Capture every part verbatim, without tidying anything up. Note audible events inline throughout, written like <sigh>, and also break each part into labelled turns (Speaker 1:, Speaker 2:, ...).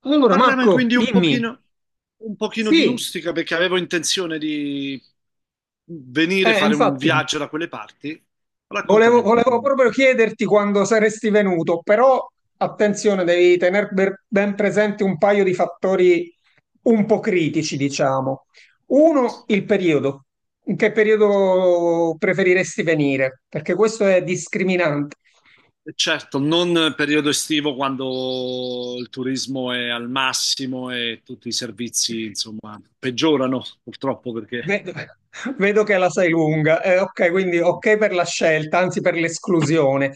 Speaker 1: Allora,
Speaker 2: Parlava
Speaker 1: Marco,
Speaker 2: quindi un
Speaker 1: dimmi.
Speaker 2: pochino, un pochino di
Speaker 1: Sì,
Speaker 2: Ustica perché avevo intenzione di venire a
Speaker 1: eh,
Speaker 2: fare un
Speaker 1: infatti,
Speaker 2: viaggio da quelle parti. Raccontami
Speaker 1: volevo,
Speaker 2: un po',
Speaker 1: volevo
Speaker 2: dimmi.
Speaker 1: proprio chiederti quando saresti venuto, però attenzione, devi tenere ben presente un paio di fattori un po' critici, diciamo. Uno, il periodo. In che periodo preferiresti venire? Perché questo è discriminante.
Speaker 2: E Certo, non periodo estivo quando il turismo è al massimo e tutti i servizi, insomma, peggiorano purtroppo perché
Speaker 1: Vedo, vedo che la sai lunga. Eh, ok, quindi ok per la scelta, anzi per l'esclusione.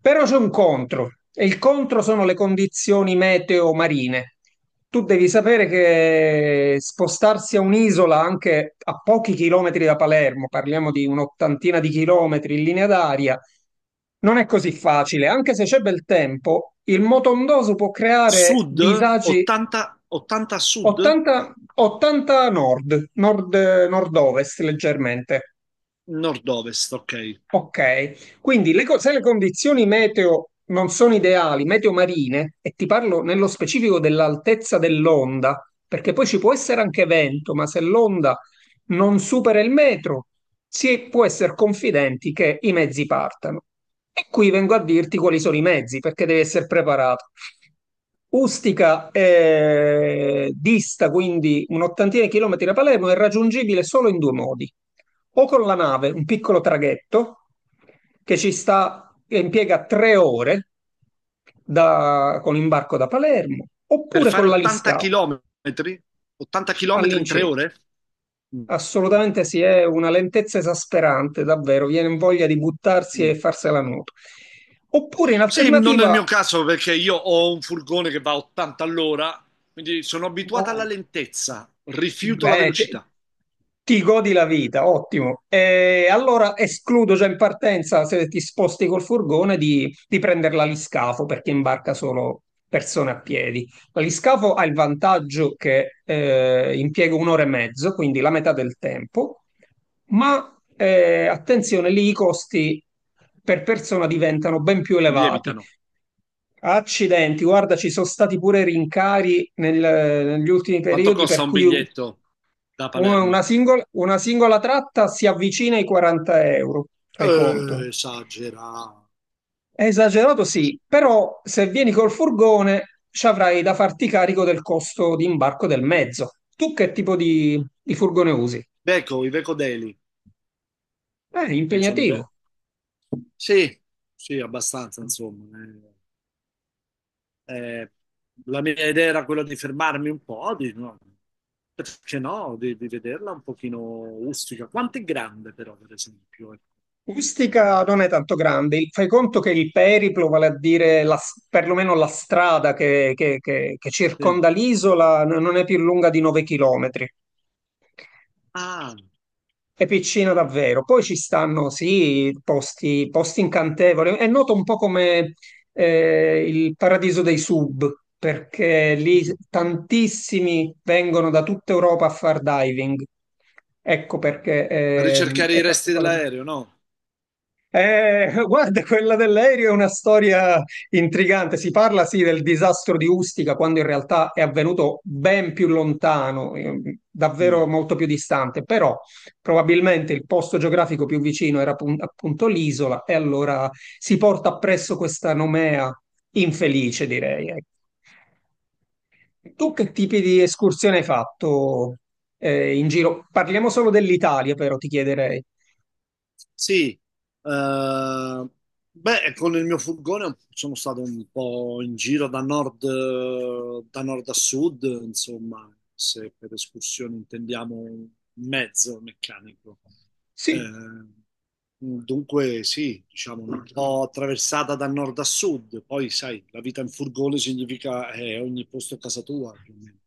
Speaker 1: Però c'è un contro, e il contro sono le condizioni meteo marine. Tu devi sapere che spostarsi a un'isola anche a pochi chilometri da Palermo, parliamo di un'ottantina di chilometri in linea d'aria, non è così facile. Anche se c'è bel tempo, il motondoso può creare
Speaker 2: sud,
Speaker 1: disagi.
Speaker 2: ottanta, ottanta sud,
Speaker 1: ottanta, ottanta nord, nord, nord-ovest leggermente.
Speaker 2: nord-ovest, ok.
Speaker 1: Ok, quindi le co- se le condizioni meteo non sono ideali, meteo marine, e ti parlo nello specifico dell'altezza dell'onda, perché poi ci può essere anche vento, ma se l'onda non supera il metro, si può essere confidenti che i mezzi partano. E qui vengo a dirti quali sono i mezzi, perché devi essere preparato. Ustica eh, dista quindi un'ottantina di chilometri da Palermo, è raggiungibile solo in due modi. O con la nave, un piccolo traghetto che ci sta, che impiega tre ore da- con l'imbarco da Palermo,
Speaker 2: Per
Speaker 1: oppure
Speaker 2: fare
Speaker 1: con la
Speaker 2: ottanta
Speaker 1: Liscao
Speaker 2: chilometri, ottanta chilometri in tre
Speaker 1: all'incirca.
Speaker 2: ore? Mm, mm.
Speaker 1: Assolutamente sì, è una lentezza esasperante, davvero, viene voglia di buttarsi e
Speaker 2: Mm.
Speaker 1: farsela nuoto. Oppure in
Speaker 2: Sì, non nel
Speaker 1: alternativa,
Speaker 2: mio caso perché io ho un furgone che va a ottanta all'ora, quindi sono abituato alla
Speaker 1: o-
Speaker 2: lentezza, rifiuto la
Speaker 1: bene, te-
Speaker 2: velocità,
Speaker 1: ti godi la vita, ottimo. E allora escludo già in partenza, se ti sposti col furgone, di, di prendere l'aliscafo perché imbarca solo persone a piedi. L'aliscafo ha il vantaggio che eh, impiega un'ora e mezzo, quindi la metà del tempo, ma eh, attenzione, lì i costi per persona diventano ben più elevati.
Speaker 2: lievitano.
Speaker 1: Accidenti, guarda, ci sono stati pure rincari nel- negli ultimi
Speaker 2: Quanto
Speaker 1: periodi,
Speaker 2: costa
Speaker 1: per
Speaker 2: un
Speaker 1: cui
Speaker 2: biglietto da
Speaker 1: una una
Speaker 2: Palermo?
Speaker 1: singola, una singola tratta si avvicina ai quaranta euro, fai conto.
Speaker 2: Eh, esagerato.
Speaker 1: È esagerato, sì, però se vieni col furgone ci avrai da farti carico del costo di imbarco del mezzo. Tu che tipo di, di furgone usi?
Speaker 2: Veco, i Vecodeli,
Speaker 1: È
Speaker 2: non sono i ve-
Speaker 1: impegnativo.
Speaker 2: sì, sì, abbastanza, insomma. Eh, eh, la mia idea era quella di fermarmi un po', di, no, perché no, di, di vederla un pochino rustica. Quanto è grande però, per esempio? Ecco.
Speaker 1: Ustica non è tanto grande, fai conto che il periplo, vale a dire la, s- perlomeno la strada che, che- che- che
Speaker 2: Sì.
Speaker 1: circonda l'isola, n- non è più lunga di nove chilometri.
Speaker 2: Ah.
Speaker 1: È piccino davvero. Poi ci stanno, sì, posti, posti incantevoli. È noto un po' come eh, il paradiso dei sub, perché lì
Speaker 2: Mm.
Speaker 1: tantissimi vengono da tutta Europa a far diving. Ecco perché
Speaker 2: A
Speaker 1: eh,
Speaker 2: ricercare i
Speaker 1: è
Speaker 2: resti
Speaker 1: particolare.
Speaker 2: dell'aereo, no?
Speaker 1: Eh, guarda, quella dell'aereo è una storia intrigante. Si parla sì del disastro di Ustica, quando in realtà è avvenuto ben più lontano, eh, davvero
Speaker 2: Mm.
Speaker 1: molto più distante, però probabilmente il posto geografico più vicino era appun- appunto l'isola e allora si porta appresso questa nomea infelice, direi. Ecco. Tu che tipi di escursione hai fatto, eh, in giro? Parliamo solo dell'Italia, però ti chiederei.
Speaker 2: Sì, eh, beh, con il mio furgone sono stato un po' in giro da nord, eh, da nord a sud, insomma, se per escursione intendiamo un mezzo meccanico.
Speaker 1: Sì,
Speaker 2: Eh, dunque, sì, diciamo un po' attraversata da nord a sud, poi sai, la vita in furgone significa eh, ogni posto a casa tua, più o meno.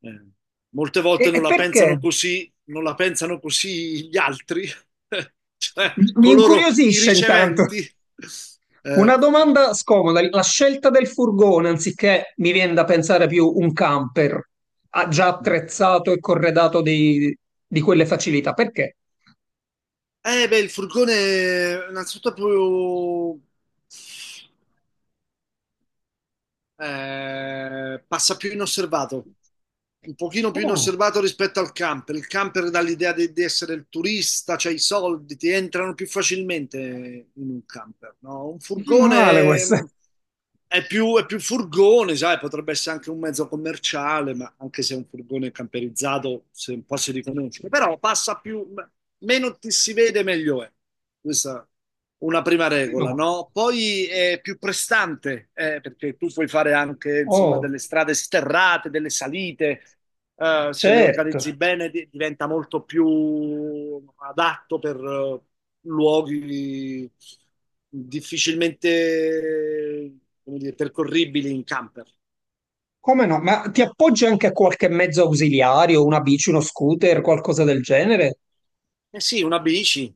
Speaker 2: Eh, molte
Speaker 1: E,
Speaker 2: volte
Speaker 1: e
Speaker 2: non la
Speaker 1: perché?
Speaker 2: pensano così, non la pensano così gli altri, <laughs> cioè
Speaker 1: Mi
Speaker 2: coloro, i
Speaker 1: incuriosisce intanto.
Speaker 2: riceventi. Eh,
Speaker 1: Una domanda scomoda, la scelta del furgone anziché mi viene da pensare più un camper ah, già attrezzato e corredato di, di quelle facilità, perché?
Speaker 2: eh, beh, il furgone, innanzitutto, è proprio eh, passa più inosservato, un pochino più
Speaker 1: Oh,
Speaker 2: inosservato rispetto al camper. Il camper dà l'idea di, di essere il turista, c'hai i soldi, ti entrano più facilmente in un camper, no? Un
Speaker 1: non
Speaker 2: furgone
Speaker 1: male questa.
Speaker 2: è più, è più furgone, sai, potrebbe essere anche un mezzo commerciale, ma anche se è un furgone camperizzato, se un po' si riconosce. Però passa più, meno ti si vede, meglio è. Questa una prima regola,
Speaker 1: No.
Speaker 2: no? Poi è più prestante, eh, perché tu puoi fare anche, insomma,
Speaker 1: Oh,
Speaker 2: delle strade sterrate, delle salite, eh, se le
Speaker 1: certo.
Speaker 2: organizzi bene di- diventa molto più adatto per eh, luoghi difficilmente, come dire, percorribili in camper.
Speaker 1: Come no? Ma ti appoggi anche a qualche mezzo ausiliario, una bici, uno scooter, qualcosa del genere?
Speaker 2: Eh sì, una bici.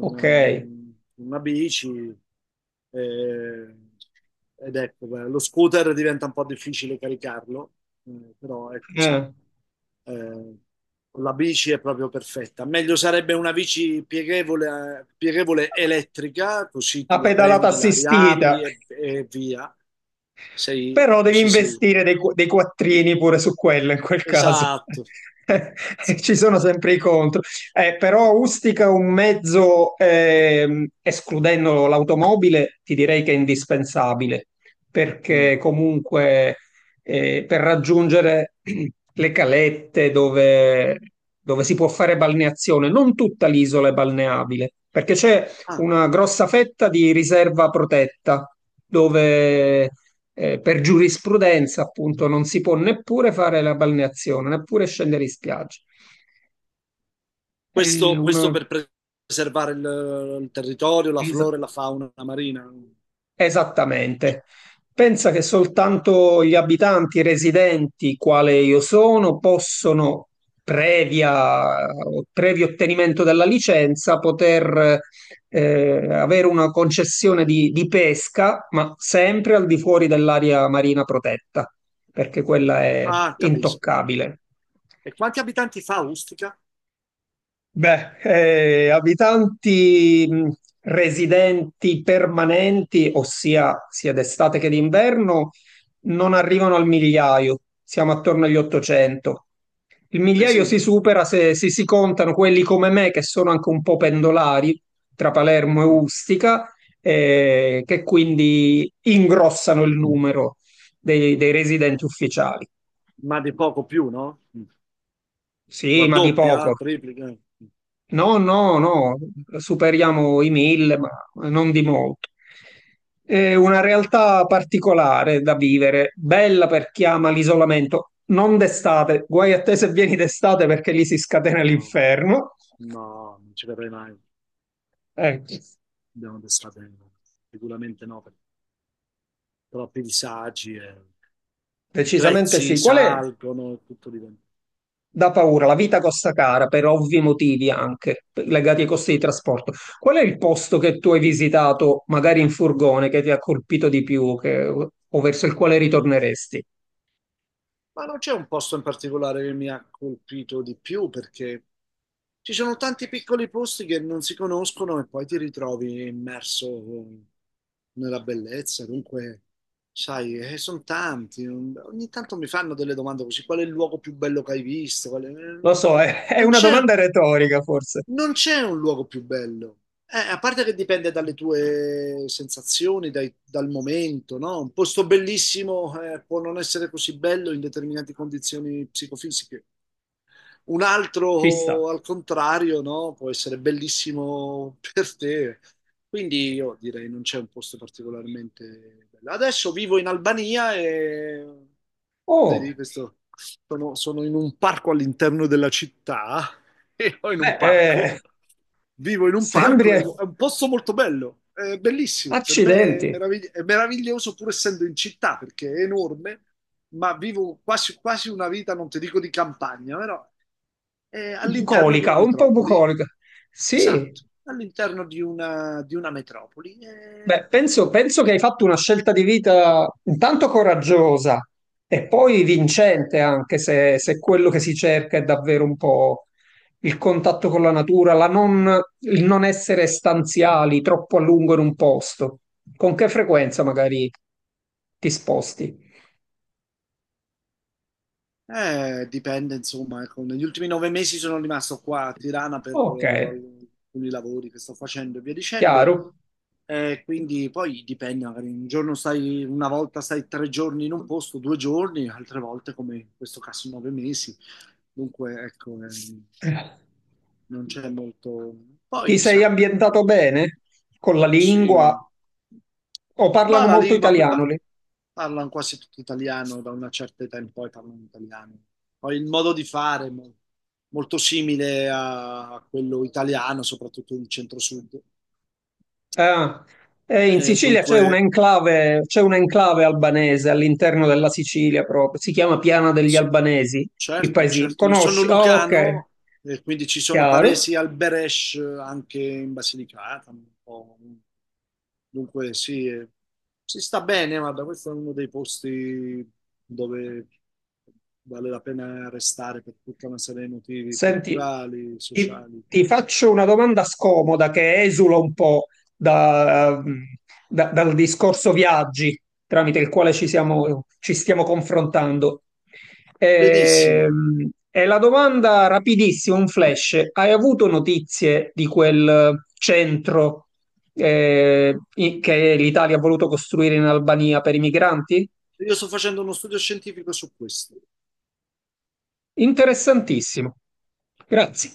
Speaker 1: Ok. Eh,
Speaker 2: una bici, eh, ed ecco, beh, lo scooter diventa un po' difficile caricarlo, eh, però ecco sì, eh, la bici è proprio perfetta. Meglio sarebbe una bici pieghevole, pieghevole elettrica, così
Speaker 1: la
Speaker 2: tu la
Speaker 1: pedalata
Speaker 2: prendi, la
Speaker 1: assistita.
Speaker 2: riapri e, e via. Sei,
Speaker 1: Però devi
Speaker 2: così sei.
Speaker 1: investire dei, qu- dei quattrini pure su quello in quel caso.
Speaker 2: Esatto. Sì.
Speaker 1: <laughs> Ci sono sempre i contro. Eh, però Ustica un mezzo, ehm, escludendo l'automobile, ti direi che è indispensabile,
Speaker 2: Mm.
Speaker 1: perché comunque eh, per raggiungere <clears throat> le calette dove, dove si può fare balneazione, non tutta l'isola è balneabile, perché c'è
Speaker 2: Ah.
Speaker 1: una grossa fetta di riserva protetta dove eh, per giurisprudenza, appunto, non si può neppure fare la balneazione, neppure scendere in spiaggia. È
Speaker 2: Questo, questo
Speaker 1: una-
Speaker 2: per preservare il, il territorio, la
Speaker 1: es-
Speaker 2: flora e la fauna marina.
Speaker 1: esattamente. Pensa che soltanto gli abitanti residenti, quale io sono, possono, previa, previo ottenimento della licenza, poter eh, avere una concessione di, di pesca, ma sempre al di fuori dell'area marina protetta, perché quella è
Speaker 2: Ah, capisco.
Speaker 1: intoccabile.
Speaker 2: E quanti abitanti fa Ustica?
Speaker 1: Beh, eh, abitanti mh, residenti permanenti, ossia sia d'estate che d'inverno, non arrivano al migliaio, siamo attorno agli ottocento. Il
Speaker 2: Eh
Speaker 1: migliaio si
Speaker 2: sì,
Speaker 1: supera se, se si contano quelli come me, che sono anche un po' pendolari tra Palermo e
Speaker 2: mm.
Speaker 1: Ustica, eh, che quindi ingrossano il numero dei dei residenti ufficiali.
Speaker 2: Ma di poco più, no? Mm.
Speaker 1: Sì, ma di
Speaker 2: Raddoppia,
Speaker 1: poco.
Speaker 2: triplica? Mm.
Speaker 1: No, no, no, superiamo i mille, ma non di molto. È una realtà particolare da vivere, bella per chi ama l'isolamento, non d'estate, guai a te se vieni d'estate perché lì si scatena
Speaker 2: No,
Speaker 1: l'inferno.
Speaker 2: no, non ci verrei mai.
Speaker 1: Ecco,
Speaker 2: Abbiamo pensato, eh, sicuramente no, per troppi disagi, e i
Speaker 1: decisamente
Speaker 2: prezzi
Speaker 1: sì. Qual è?
Speaker 2: salgono e tutto diventa.
Speaker 1: Da paura, la vita costa cara per ovvi motivi anche legati ai costi di trasporto. Qual è il posto che tu hai visitato, magari in furgone, che ti ha colpito di più che- o verso il quale ritorneresti?
Speaker 2: Ma non c'è un posto in particolare che mi ha colpito di più perché ci sono tanti piccoli posti che non si conoscono e poi ti ritrovi immerso nella bellezza. Dunque, sai, eh, sono tanti. Ogni tanto mi fanno delle domande così: qual è il luogo più bello che hai visto? Qual è-
Speaker 1: Lo
Speaker 2: eh,
Speaker 1: so, è, <laughs> è
Speaker 2: Non
Speaker 1: una
Speaker 2: c'è.
Speaker 1: domanda retorica, forse.
Speaker 2: Non c'è un luogo più bello. Eh, a parte che dipende dalle tue sensazioni, dai- dal momento, no? Un posto bellissimo, eh, può non essere così bello in determinate condizioni psicofisiche. Un
Speaker 1: Ci sta.
Speaker 2: altro, al contrario, no? Può essere bellissimo per te. Quindi io direi non c'è un posto particolarmente bello. Adesso vivo in Albania e vedi,
Speaker 1: Oh,
Speaker 2: questo sono, sono in un parco all'interno della città ero in un
Speaker 1: beh, eh,
Speaker 2: parco, vivo in un parco,
Speaker 1: sembri...
Speaker 2: è un posto molto bello, è bellissimo, per me è,
Speaker 1: Accidenti.
Speaker 2: meravigli- è meraviglioso pur essendo in città perché è enorme, ma vivo quasi, quasi una vita, non ti dico di campagna, però è all'interno di una
Speaker 1: Bucolica, un po'
Speaker 2: metropoli,
Speaker 1: bucolica. Sì.
Speaker 2: esatto, all'interno di una, di una metropoli. È-
Speaker 1: Beh, penso, penso che hai fatto una scelta di vita intanto coraggiosa e poi vincente, anche se, se quello che si cerca è davvero un po' il contatto con la natura, la non- il non essere stanziali troppo a lungo in un posto. Con che frequenza magari ti sposti?
Speaker 2: Eh, dipende, insomma, ecco, negli ultimi nove mesi sono rimasto qua a Tirana per
Speaker 1: Ok,
Speaker 2: eh, alcuni lavori che sto facendo e via dicendo.
Speaker 1: chiaro.
Speaker 2: Eh, quindi poi dipende, magari un giorno stai, una volta stai tre giorni in un posto, due giorni, altre volte, come in questo caso, nove mesi. Dunque, ecco, ehm, non c'è molto.
Speaker 1: Ti
Speaker 2: Poi,
Speaker 1: sei
Speaker 2: sai,
Speaker 1: ambientato bene con la lingua?
Speaker 2: sì.
Speaker 1: O
Speaker 2: Ma
Speaker 1: parlano
Speaker 2: la
Speaker 1: molto
Speaker 2: lingua qui
Speaker 1: italiano
Speaker 2: pa-
Speaker 1: lì?
Speaker 2: parlano quasi tutti italiano, da una certa età in poi parlano italiano. Poi il modo di fare è mo- molto simile a quello italiano, soprattutto del centro-sud.
Speaker 1: Ah, eh, in
Speaker 2: Eh,
Speaker 1: Sicilia c'è
Speaker 2: dunque,
Speaker 1: un'enclave, c'è un'enclave albanese all'interno della Sicilia proprio, si chiama Piana degli
Speaker 2: s-
Speaker 1: Albanesi, il
Speaker 2: Certo,
Speaker 1: paesino.
Speaker 2: certo. Io sono
Speaker 1: Conosci? Ah, ok,
Speaker 2: lucano e quindi ci sono
Speaker 1: chiaro.
Speaker 2: paresi al Beresh eh, anche in Basilicata. Un po'. Dunque, sì, eh, si sta bene, guarda, questo è uno dei posti dove vale la pena restare per tutta una serie di motivi
Speaker 1: Senti,
Speaker 2: culturali,
Speaker 1: ti,
Speaker 2: sociali.
Speaker 1: ti faccio una domanda scomoda che esula un po' da- da- dal discorso viaggi tramite il quale ci siamo- ci stiamo confrontando.
Speaker 2: Benissimo.
Speaker 1: Ehm, è la domanda rapidissima, un flash. Hai avuto notizie di quel centro eh, i- che l'Italia ha voluto costruire in Albania per i migranti?
Speaker 2: Io sto facendo uno studio scientifico su questo.
Speaker 1: Interessantissimo. Grazie.